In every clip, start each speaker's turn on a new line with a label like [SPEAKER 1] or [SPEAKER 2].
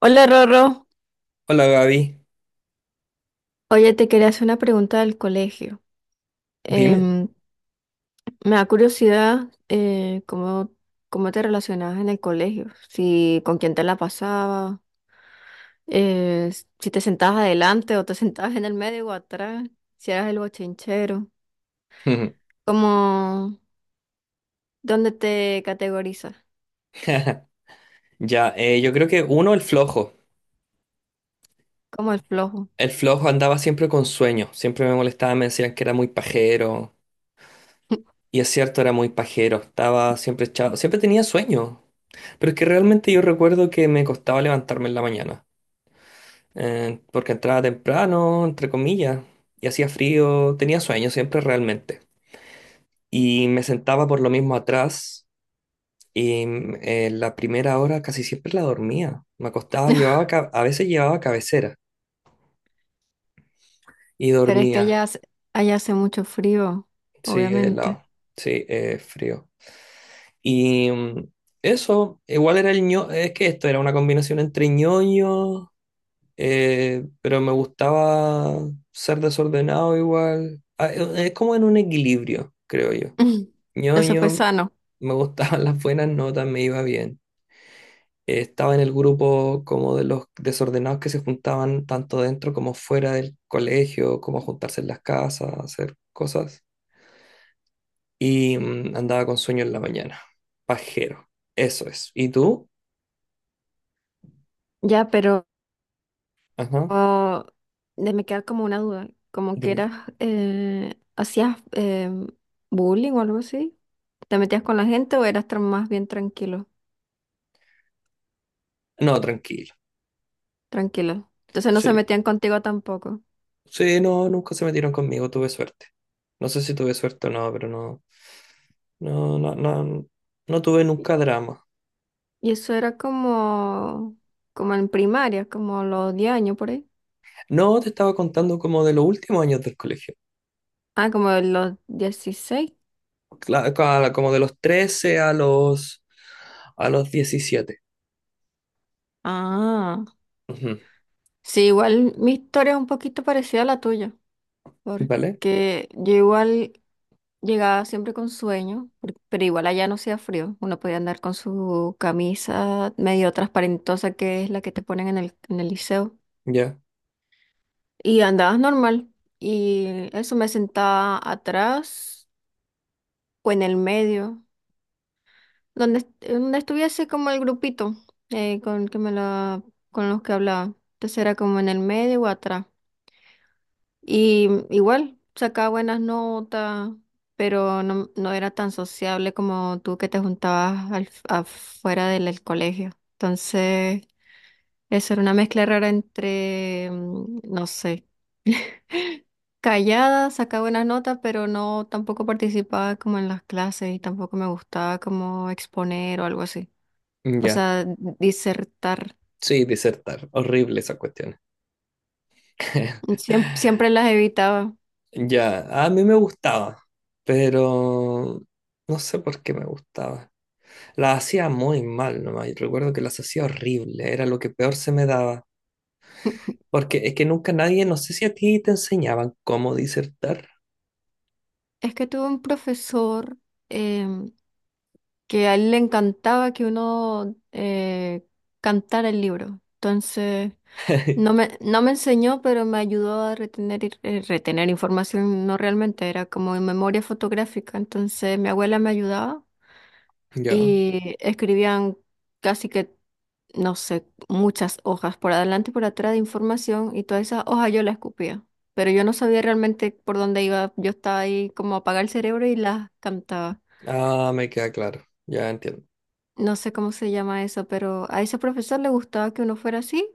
[SPEAKER 1] Hola Rorro,
[SPEAKER 2] Hola Gaby,
[SPEAKER 1] oye, te quería hacer una pregunta del colegio.
[SPEAKER 2] dime.
[SPEAKER 1] Em, Me da curiosidad cómo, cómo te relacionabas en el colegio, si con quién te la pasabas, eh, si te sentabas adelante o te sentabas en el medio o atrás, si eras el bochinchero, como dónde te categorizas,
[SPEAKER 2] Ya, yo creo que uno, el flojo.
[SPEAKER 1] como el flojo.
[SPEAKER 2] El flojo andaba siempre con sueño, siempre me molestaba, me decían que era muy pajero. Y es cierto, era muy pajero, estaba siempre echado, siempre tenía sueño. Pero es que realmente yo recuerdo que me costaba levantarme en la mañana, porque entraba temprano, entre comillas, y hacía frío, tenía sueño siempre realmente. Y me sentaba por lo mismo atrás. Y la primera hora casi siempre la dormía. Me acostaba, a veces llevaba cabecera y
[SPEAKER 1] Pero es que
[SPEAKER 2] dormía.
[SPEAKER 1] allá, allá hace mucho frío,
[SPEAKER 2] Sí,
[SPEAKER 1] obviamente.
[SPEAKER 2] helado. Sí, frío. Y eso, igual era es que esto era una combinación entre ñoño, pero me gustaba ser desordenado igual. Ah, es como en un equilibrio, creo yo.
[SPEAKER 1] Eso fue
[SPEAKER 2] Ñoño,
[SPEAKER 1] sano.
[SPEAKER 2] me gustaban las buenas notas, me iba bien. Estaba en el grupo como de los desordenados que se juntaban tanto dentro como fuera del colegio, como a juntarse en las casas, a hacer cosas. Y andaba con sueño en la mañana. Pajero. Eso es. ¿Y tú?
[SPEAKER 1] Ya, pero
[SPEAKER 2] Ajá.
[SPEAKER 1] Oh, de me queda como una duda, como que
[SPEAKER 2] Dime.
[SPEAKER 1] eras, hacías bullying o algo así, ¿te metías con la gente o eras más bien tranquilo,
[SPEAKER 2] No, tranquilo.
[SPEAKER 1] tranquilo? Entonces no se
[SPEAKER 2] Sí.
[SPEAKER 1] metían contigo tampoco.
[SPEAKER 2] Sí, no, nunca se metieron conmigo. Tuve suerte. No sé si tuve suerte o no, pero no. No, no, no. No tuve nunca drama.
[SPEAKER 1] Y eso era como, como en primaria, como los 10 años por ahí.
[SPEAKER 2] No, te estaba contando como de los últimos años del colegio.
[SPEAKER 1] Ah, como los 16.
[SPEAKER 2] Como de los 13 a los 17.
[SPEAKER 1] Ah,
[SPEAKER 2] Ujú.
[SPEAKER 1] sí, igual mi historia es un poquito parecida a la tuya,
[SPEAKER 2] ¿Vale?
[SPEAKER 1] porque yo igual llegaba siempre con sueño, pero igual allá no hacía frío. Uno podía andar con su camisa medio transparentosa, que es la que te ponen en el liceo.
[SPEAKER 2] Ya,
[SPEAKER 1] Y andabas normal. Y eso me sentaba atrás o en el medio, donde estuviese como el grupito con, el que con los que hablaba. Entonces era como en el medio o atrás. Y igual, sacaba buenas notas, pero no, no era tan sociable como tú que te juntabas afuera del colegio. Entonces, eso era una mezcla rara entre, no sé, callada, sacaba buenas notas, pero no tampoco participaba como en las clases y tampoco me gustaba como exponer o algo así. O
[SPEAKER 2] ya.
[SPEAKER 1] sea, disertar.
[SPEAKER 2] Sí, disertar. Horrible esa cuestión.
[SPEAKER 1] Siempre las evitaba.
[SPEAKER 2] Ya, a mí me gustaba, pero no sé por qué me gustaba. Las hacía muy mal nomás. Y recuerdo que las hacía horrible, era lo que peor se me daba. Porque es que nunca nadie, no sé si a ti te enseñaban cómo disertar.
[SPEAKER 1] Es que tuve un profesor, em, que a él le encantaba que uno cantara el libro. Entonces, no me enseñó, pero me ayudó a retener, retener información, no realmente, era como en memoria fotográfica. Entonces, mi abuela me ayudaba
[SPEAKER 2] Ya,
[SPEAKER 1] y escribían casi que, no sé, muchas hojas por adelante y por atrás de información y todas esas hojas yo las escupía. Pero yo no sabía realmente por dónde iba, yo estaba ahí como a apagar el cerebro y las cantaba.
[SPEAKER 2] ah, me queda claro, ya entiendo.
[SPEAKER 1] No sé cómo se llama eso, pero a ese profesor le gustaba que uno fuera así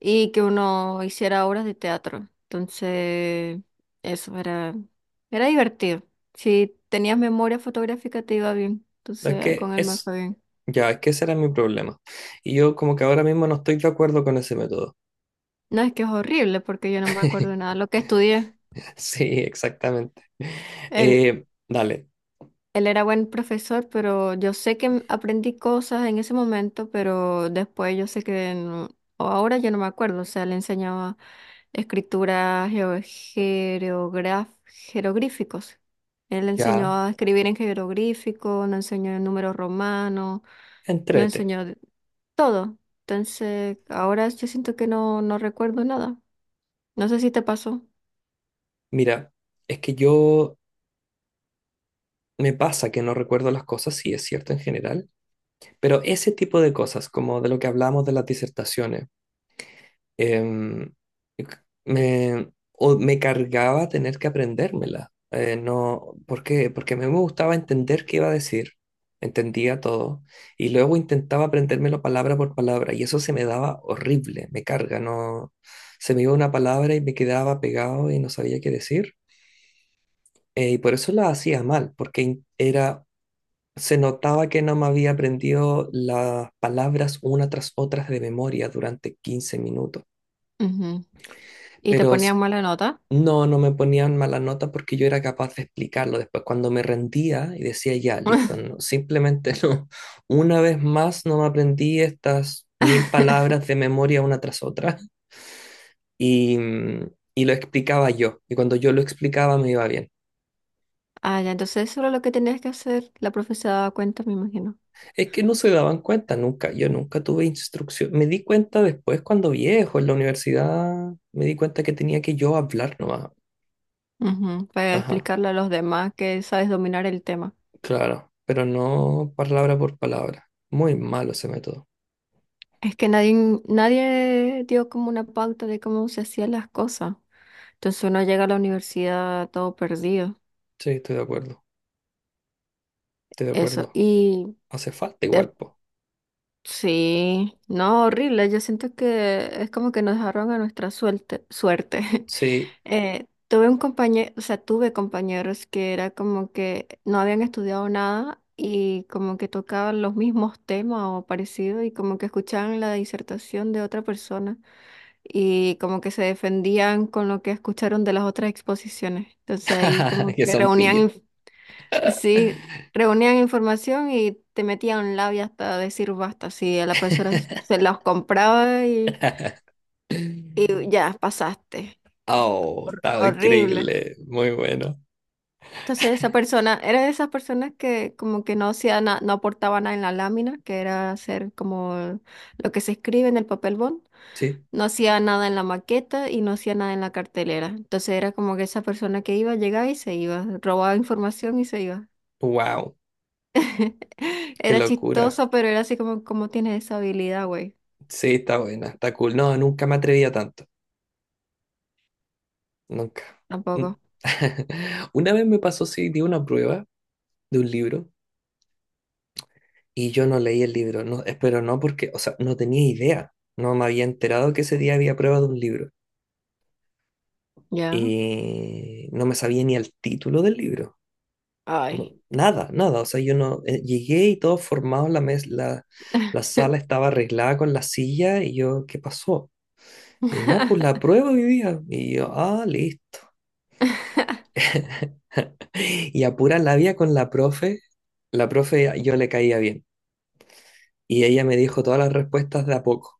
[SPEAKER 1] y que uno hiciera obras de teatro. Entonces, eso era, era divertido. Si tenías memoria fotográfica te iba bien.
[SPEAKER 2] Es
[SPEAKER 1] Entonces,
[SPEAKER 2] que
[SPEAKER 1] con él me
[SPEAKER 2] es,
[SPEAKER 1] fue bien.
[SPEAKER 2] Ya, es que ese era mi problema. Y yo como que ahora mismo no estoy de acuerdo con ese método.
[SPEAKER 1] No, es que es horrible porque yo no me acuerdo nada de lo que estudié.
[SPEAKER 2] Sí, exactamente.
[SPEAKER 1] el,
[SPEAKER 2] Dale,
[SPEAKER 1] Él era buen profesor, pero yo sé que aprendí cosas en ese momento, pero después yo sé que o ahora yo no me acuerdo, o sea, le enseñaba escritura jeroglíficos. Él le enseñó
[SPEAKER 2] ya,
[SPEAKER 1] a escribir en jeroglífico, nos enseñó en números romanos, nos
[SPEAKER 2] entrete.
[SPEAKER 1] enseñó todo. Entonces, ahora yo siento que no, no recuerdo nada. No sé si te pasó.
[SPEAKER 2] Mira, es que yo me pasa que no recuerdo las cosas, sí, es cierto en general, pero ese tipo de cosas, como de lo que hablamos de las disertaciones, em, o me cargaba tener que aprendérmela. No, ¿por qué? Porque a mí me gustaba entender qué iba a decir, entendía todo, y luego intentaba aprendérmelo palabra por palabra, y eso se me daba horrible, me carga, no, se me iba una palabra y me quedaba pegado y no sabía qué decir, y por eso la hacía mal, porque era, se notaba que no me había aprendido las palabras una tras otras de memoria durante 15 minutos.
[SPEAKER 1] Ujú. ¿Y te
[SPEAKER 2] pero s-
[SPEAKER 1] ponían mala nota?
[SPEAKER 2] No, no me ponían mala nota porque yo era capaz de explicarlo después cuando me rendía y decía ya, listo, no, simplemente no. Una vez más no me aprendí estas mil palabras de memoria una tras otra y, mm, y lo explicaba yo. Y cuando yo lo explicaba me iba bien.
[SPEAKER 1] Ah, ya, entonces eso era lo que tenías que hacer. La profe se daba cuenta, me imagino.
[SPEAKER 2] Es que no se daban cuenta nunca, yo nunca tuve instrucción. Me di cuenta después cuando viejo en la universidad, me di cuenta que tenía que yo hablar nomás.
[SPEAKER 1] Ujú. Para
[SPEAKER 2] Ajá,
[SPEAKER 1] explicarle a los demás que sabes dominar el tema.
[SPEAKER 2] claro, pero no palabra por palabra. Muy malo ese método.
[SPEAKER 1] Es que nadie, nadie dio como una pauta de cómo se hacían las cosas. Entonces uno llega a la universidad todo perdido.
[SPEAKER 2] Sí, estoy de acuerdo, estoy de
[SPEAKER 1] Eso.
[SPEAKER 2] acuerdo.
[SPEAKER 1] Y
[SPEAKER 2] Hace falta igual, po.
[SPEAKER 1] sí, no, horrible. Yo siento que es como que nos dejaron a nuestra suerte.
[SPEAKER 2] Sí,
[SPEAKER 1] Tuve un compañero, o sea, tuve compañeros que era como que no habían estudiado nada y como que tocaban los mismos temas o parecidos y como que escuchaban la disertación de otra persona y como que se defendían con lo que escucharon de las otras exposiciones. Entonces ahí como
[SPEAKER 2] que
[SPEAKER 1] que
[SPEAKER 2] son pillos.
[SPEAKER 1] reunían. Sí, reunían información y te metían a un lado y hasta decir basta. Sí, a la profesora se los compraba y ya pasaste.
[SPEAKER 2] Oh, está
[SPEAKER 1] Horrible.
[SPEAKER 2] increíble, muy bueno.
[SPEAKER 1] Entonces esa persona, era de esas personas que como que no hacía no aportaba nada en la lámina, que era hacer como lo que se escribe en el papel bond.
[SPEAKER 2] Sí,
[SPEAKER 1] No hacía nada en la maqueta y no hacía nada en la cartelera. Entonces era como que esa persona que iba, llegaba y se iba, robaba información y se iba.
[SPEAKER 2] wow, qué
[SPEAKER 1] Era
[SPEAKER 2] locura.
[SPEAKER 1] chistoso, pero era así como, ¿cómo tienes esa habilidad, güey?
[SPEAKER 2] Sí, está buena, está cool. No, nunca me atrevía tanto, nunca. Mm.
[SPEAKER 1] Tampoco.
[SPEAKER 2] Una vez me pasó, sí, di una prueba de un libro y yo no leí el libro, no, espero no porque, o sea, no tenía idea, no me había enterado que ese día había prueba de un libro
[SPEAKER 1] Ya.
[SPEAKER 2] y no me sabía ni el título del libro. No,
[SPEAKER 1] Ay.
[SPEAKER 2] nada, nada. O sea, yo no llegué y todo formado, la, la sala estaba arreglada con la silla y yo, ¿qué pasó? Y nada, pues la prueba hoy día. Y yo, ah, listo. Y a pura labia con la profe. La profe, ah, yo le caía bien. Y ella me dijo todas las respuestas de a poco.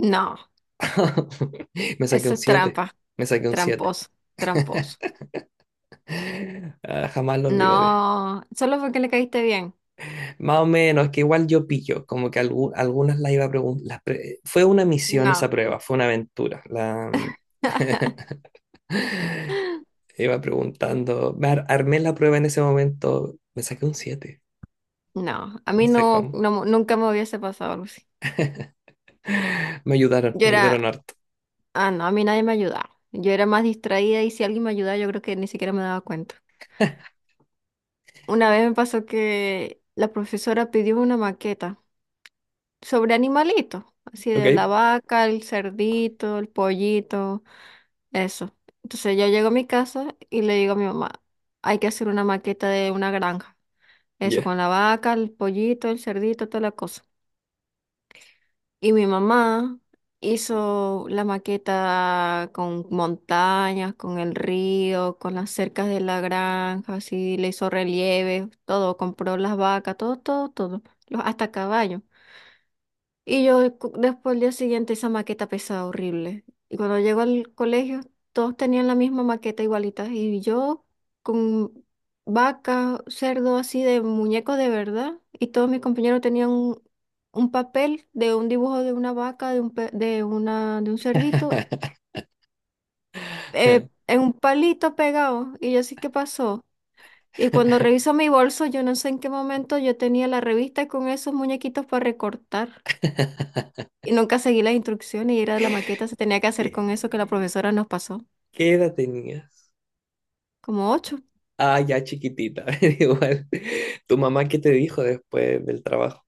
[SPEAKER 1] No,
[SPEAKER 2] Me saqué
[SPEAKER 1] eso
[SPEAKER 2] un
[SPEAKER 1] es
[SPEAKER 2] siete.
[SPEAKER 1] trampa.
[SPEAKER 2] Me saqué un siete.
[SPEAKER 1] Tramposo, tramposo.
[SPEAKER 2] Ah, jamás lo olvidaré.
[SPEAKER 1] No, solo porque le caíste bien.
[SPEAKER 2] Más o menos, que igual yo pillo, como que algunas las iba a preguntar. Fue una misión esa
[SPEAKER 1] No,
[SPEAKER 2] prueba, fue una aventura. Iba preguntando, me armé la prueba en ese momento, me saqué un siete,
[SPEAKER 1] no. A
[SPEAKER 2] no
[SPEAKER 1] mí
[SPEAKER 2] sé
[SPEAKER 1] no,
[SPEAKER 2] cómo.
[SPEAKER 1] nunca me hubiese pasado algo así. Yo
[SPEAKER 2] Me
[SPEAKER 1] era,
[SPEAKER 2] ayudaron harto.
[SPEAKER 1] ah, no, a mí nadie me ayudaba. Yo era más distraída y si alguien me ayudaba, yo creo que ni siquiera me daba cuenta. Una vez me pasó que la profesora pidió una maqueta sobre animalitos, así de la
[SPEAKER 2] ¿Ok?
[SPEAKER 1] vaca, el cerdito, el pollito, eso. Entonces yo llego a mi casa y le digo a mi mamá, hay que hacer una maqueta de una granja, eso
[SPEAKER 2] Ya.
[SPEAKER 1] con la vaca, el pollito, el cerdito, toda la cosa. Y mi mamá hizo la maqueta con montañas, con el río, con las cercas de la granja, así le hizo relieves, todo, compró las vacas, todo, todo, todo, hasta caballos. Y yo después el día siguiente esa maqueta pesada horrible. Y cuando llego al colegio, todos tenían la misma maqueta igualita. Y yo con vaca, cerdo así de muñeco de verdad. Y todos mis compañeros tenían un papel de un dibujo de una vaca, de una, de un cerdito, en un palito pegado. Y yo así, ¿qué pasó? Y cuando reviso mi bolso, yo no sé en qué momento yo tenía la revista con esos muñequitos para recortar. Y nunca seguí las instrucciones y era la maqueta, se tenía que hacer con eso que la
[SPEAKER 2] ¿Qué,
[SPEAKER 1] profesora nos pasó,
[SPEAKER 2] qué edad tenías?
[SPEAKER 1] como 8.
[SPEAKER 2] Ah, ya chiquitita, igual. ¿Tu mamá qué te dijo después del trabajo?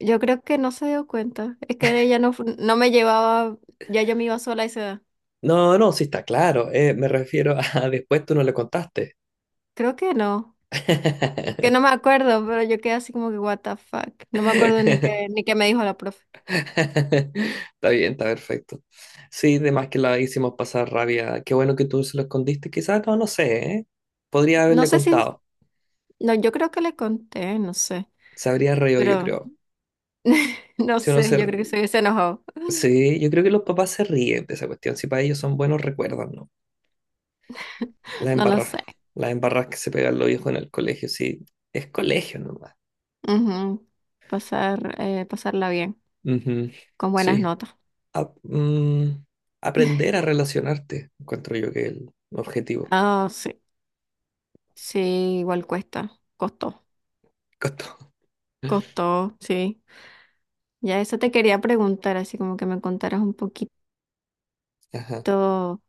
[SPEAKER 1] Yo creo que no se dio cuenta, es que ella no, no me llevaba, ya yo me iba sola a esa edad.
[SPEAKER 2] No, no, sí está claro. Me refiero a después tú no le contaste.
[SPEAKER 1] Creo que no me acuerdo, pero yo quedé así como que what the fuck, no me acuerdo ni qué, ni qué me dijo la profe.
[SPEAKER 2] Está bien, está perfecto. Sí, de más que la hicimos pasar rabia. Qué bueno que tú se lo escondiste. Quizás no, no sé, ¿eh? Podría
[SPEAKER 1] No
[SPEAKER 2] haberle
[SPEAKER 1] sé si,
[SPEAKER 2] contado.
[SPEAKER 1] no, yo creo que le conté, no sé,
[SPEAKER 2] Se habría reído, yo
[SPEAKER 1] pero
[SPEAKER 2] creo.
[SPEAKER 1] no
[SPEAKER 2] Si uno
[SPEAKER 1] sé,
[SPEAKER 2] se...
[SPEAKER 1] yo creo que
[SPEAKER 2] ri-
[SPEAKER 1] se hubiese enojado,
[SPEAKER 2] Sí, yo creo que los papás se ríen de esa cuestión. Si para ellos son buenos recuerdos, ¿no? Las
[SPEAKER 1] no lo
[SPEAKER 2] embarras.
[SPEAKER 1] sé.
[SPEAKER 2] Las embarras que se pegan los viejos en el colegio, sí. Es colegio nomás.
[SPEAKER 1] Ujú. Pasar, pasarla bien,
[SPEAKER 2] Ujú.
[SPEAKER 1] con buenas
[SPEAKER 2] Sí.
[SPEAKER 1] notas.
[SPEAKER 2] ap- mm, aprender a relacionarte, encuentro yo que es el objetivo.
[SPEAKER 1] Ah, sí. Sí, igual cuesta, costó,
[SPEAKER 2] Con todo.
[SPEAKER 1] costó, sí. Ya eso te quería preguntar, así como que me contaras un poquito
[SPEAKER 2] Ajá,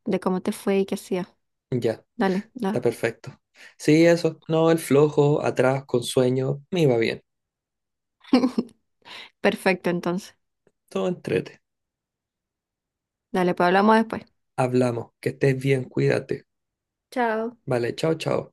[SPEAKER 1] de cómo te fue y qué hacías.
[SPEAKER 2] ya,
[SPEAKER 1] Dale,
[SPEAKER 2] está
[SPEAKER 1] da.
[SPEAKER 2] perfecto. Sí, eso. No, el flojo, atrás, con sueño, me iba bien.
[SPEAKER 1] Perfecto, entonces.
[SPEAKER 2] Todo entrete.
[SPEAKER 1] Dale, pues hablamos después.
[SPEAKER 2] Hablamos, que estés bien, cuídate.
[SPEAKER 1] Chao.
[SPEAKER 2] Vale, chao, chao.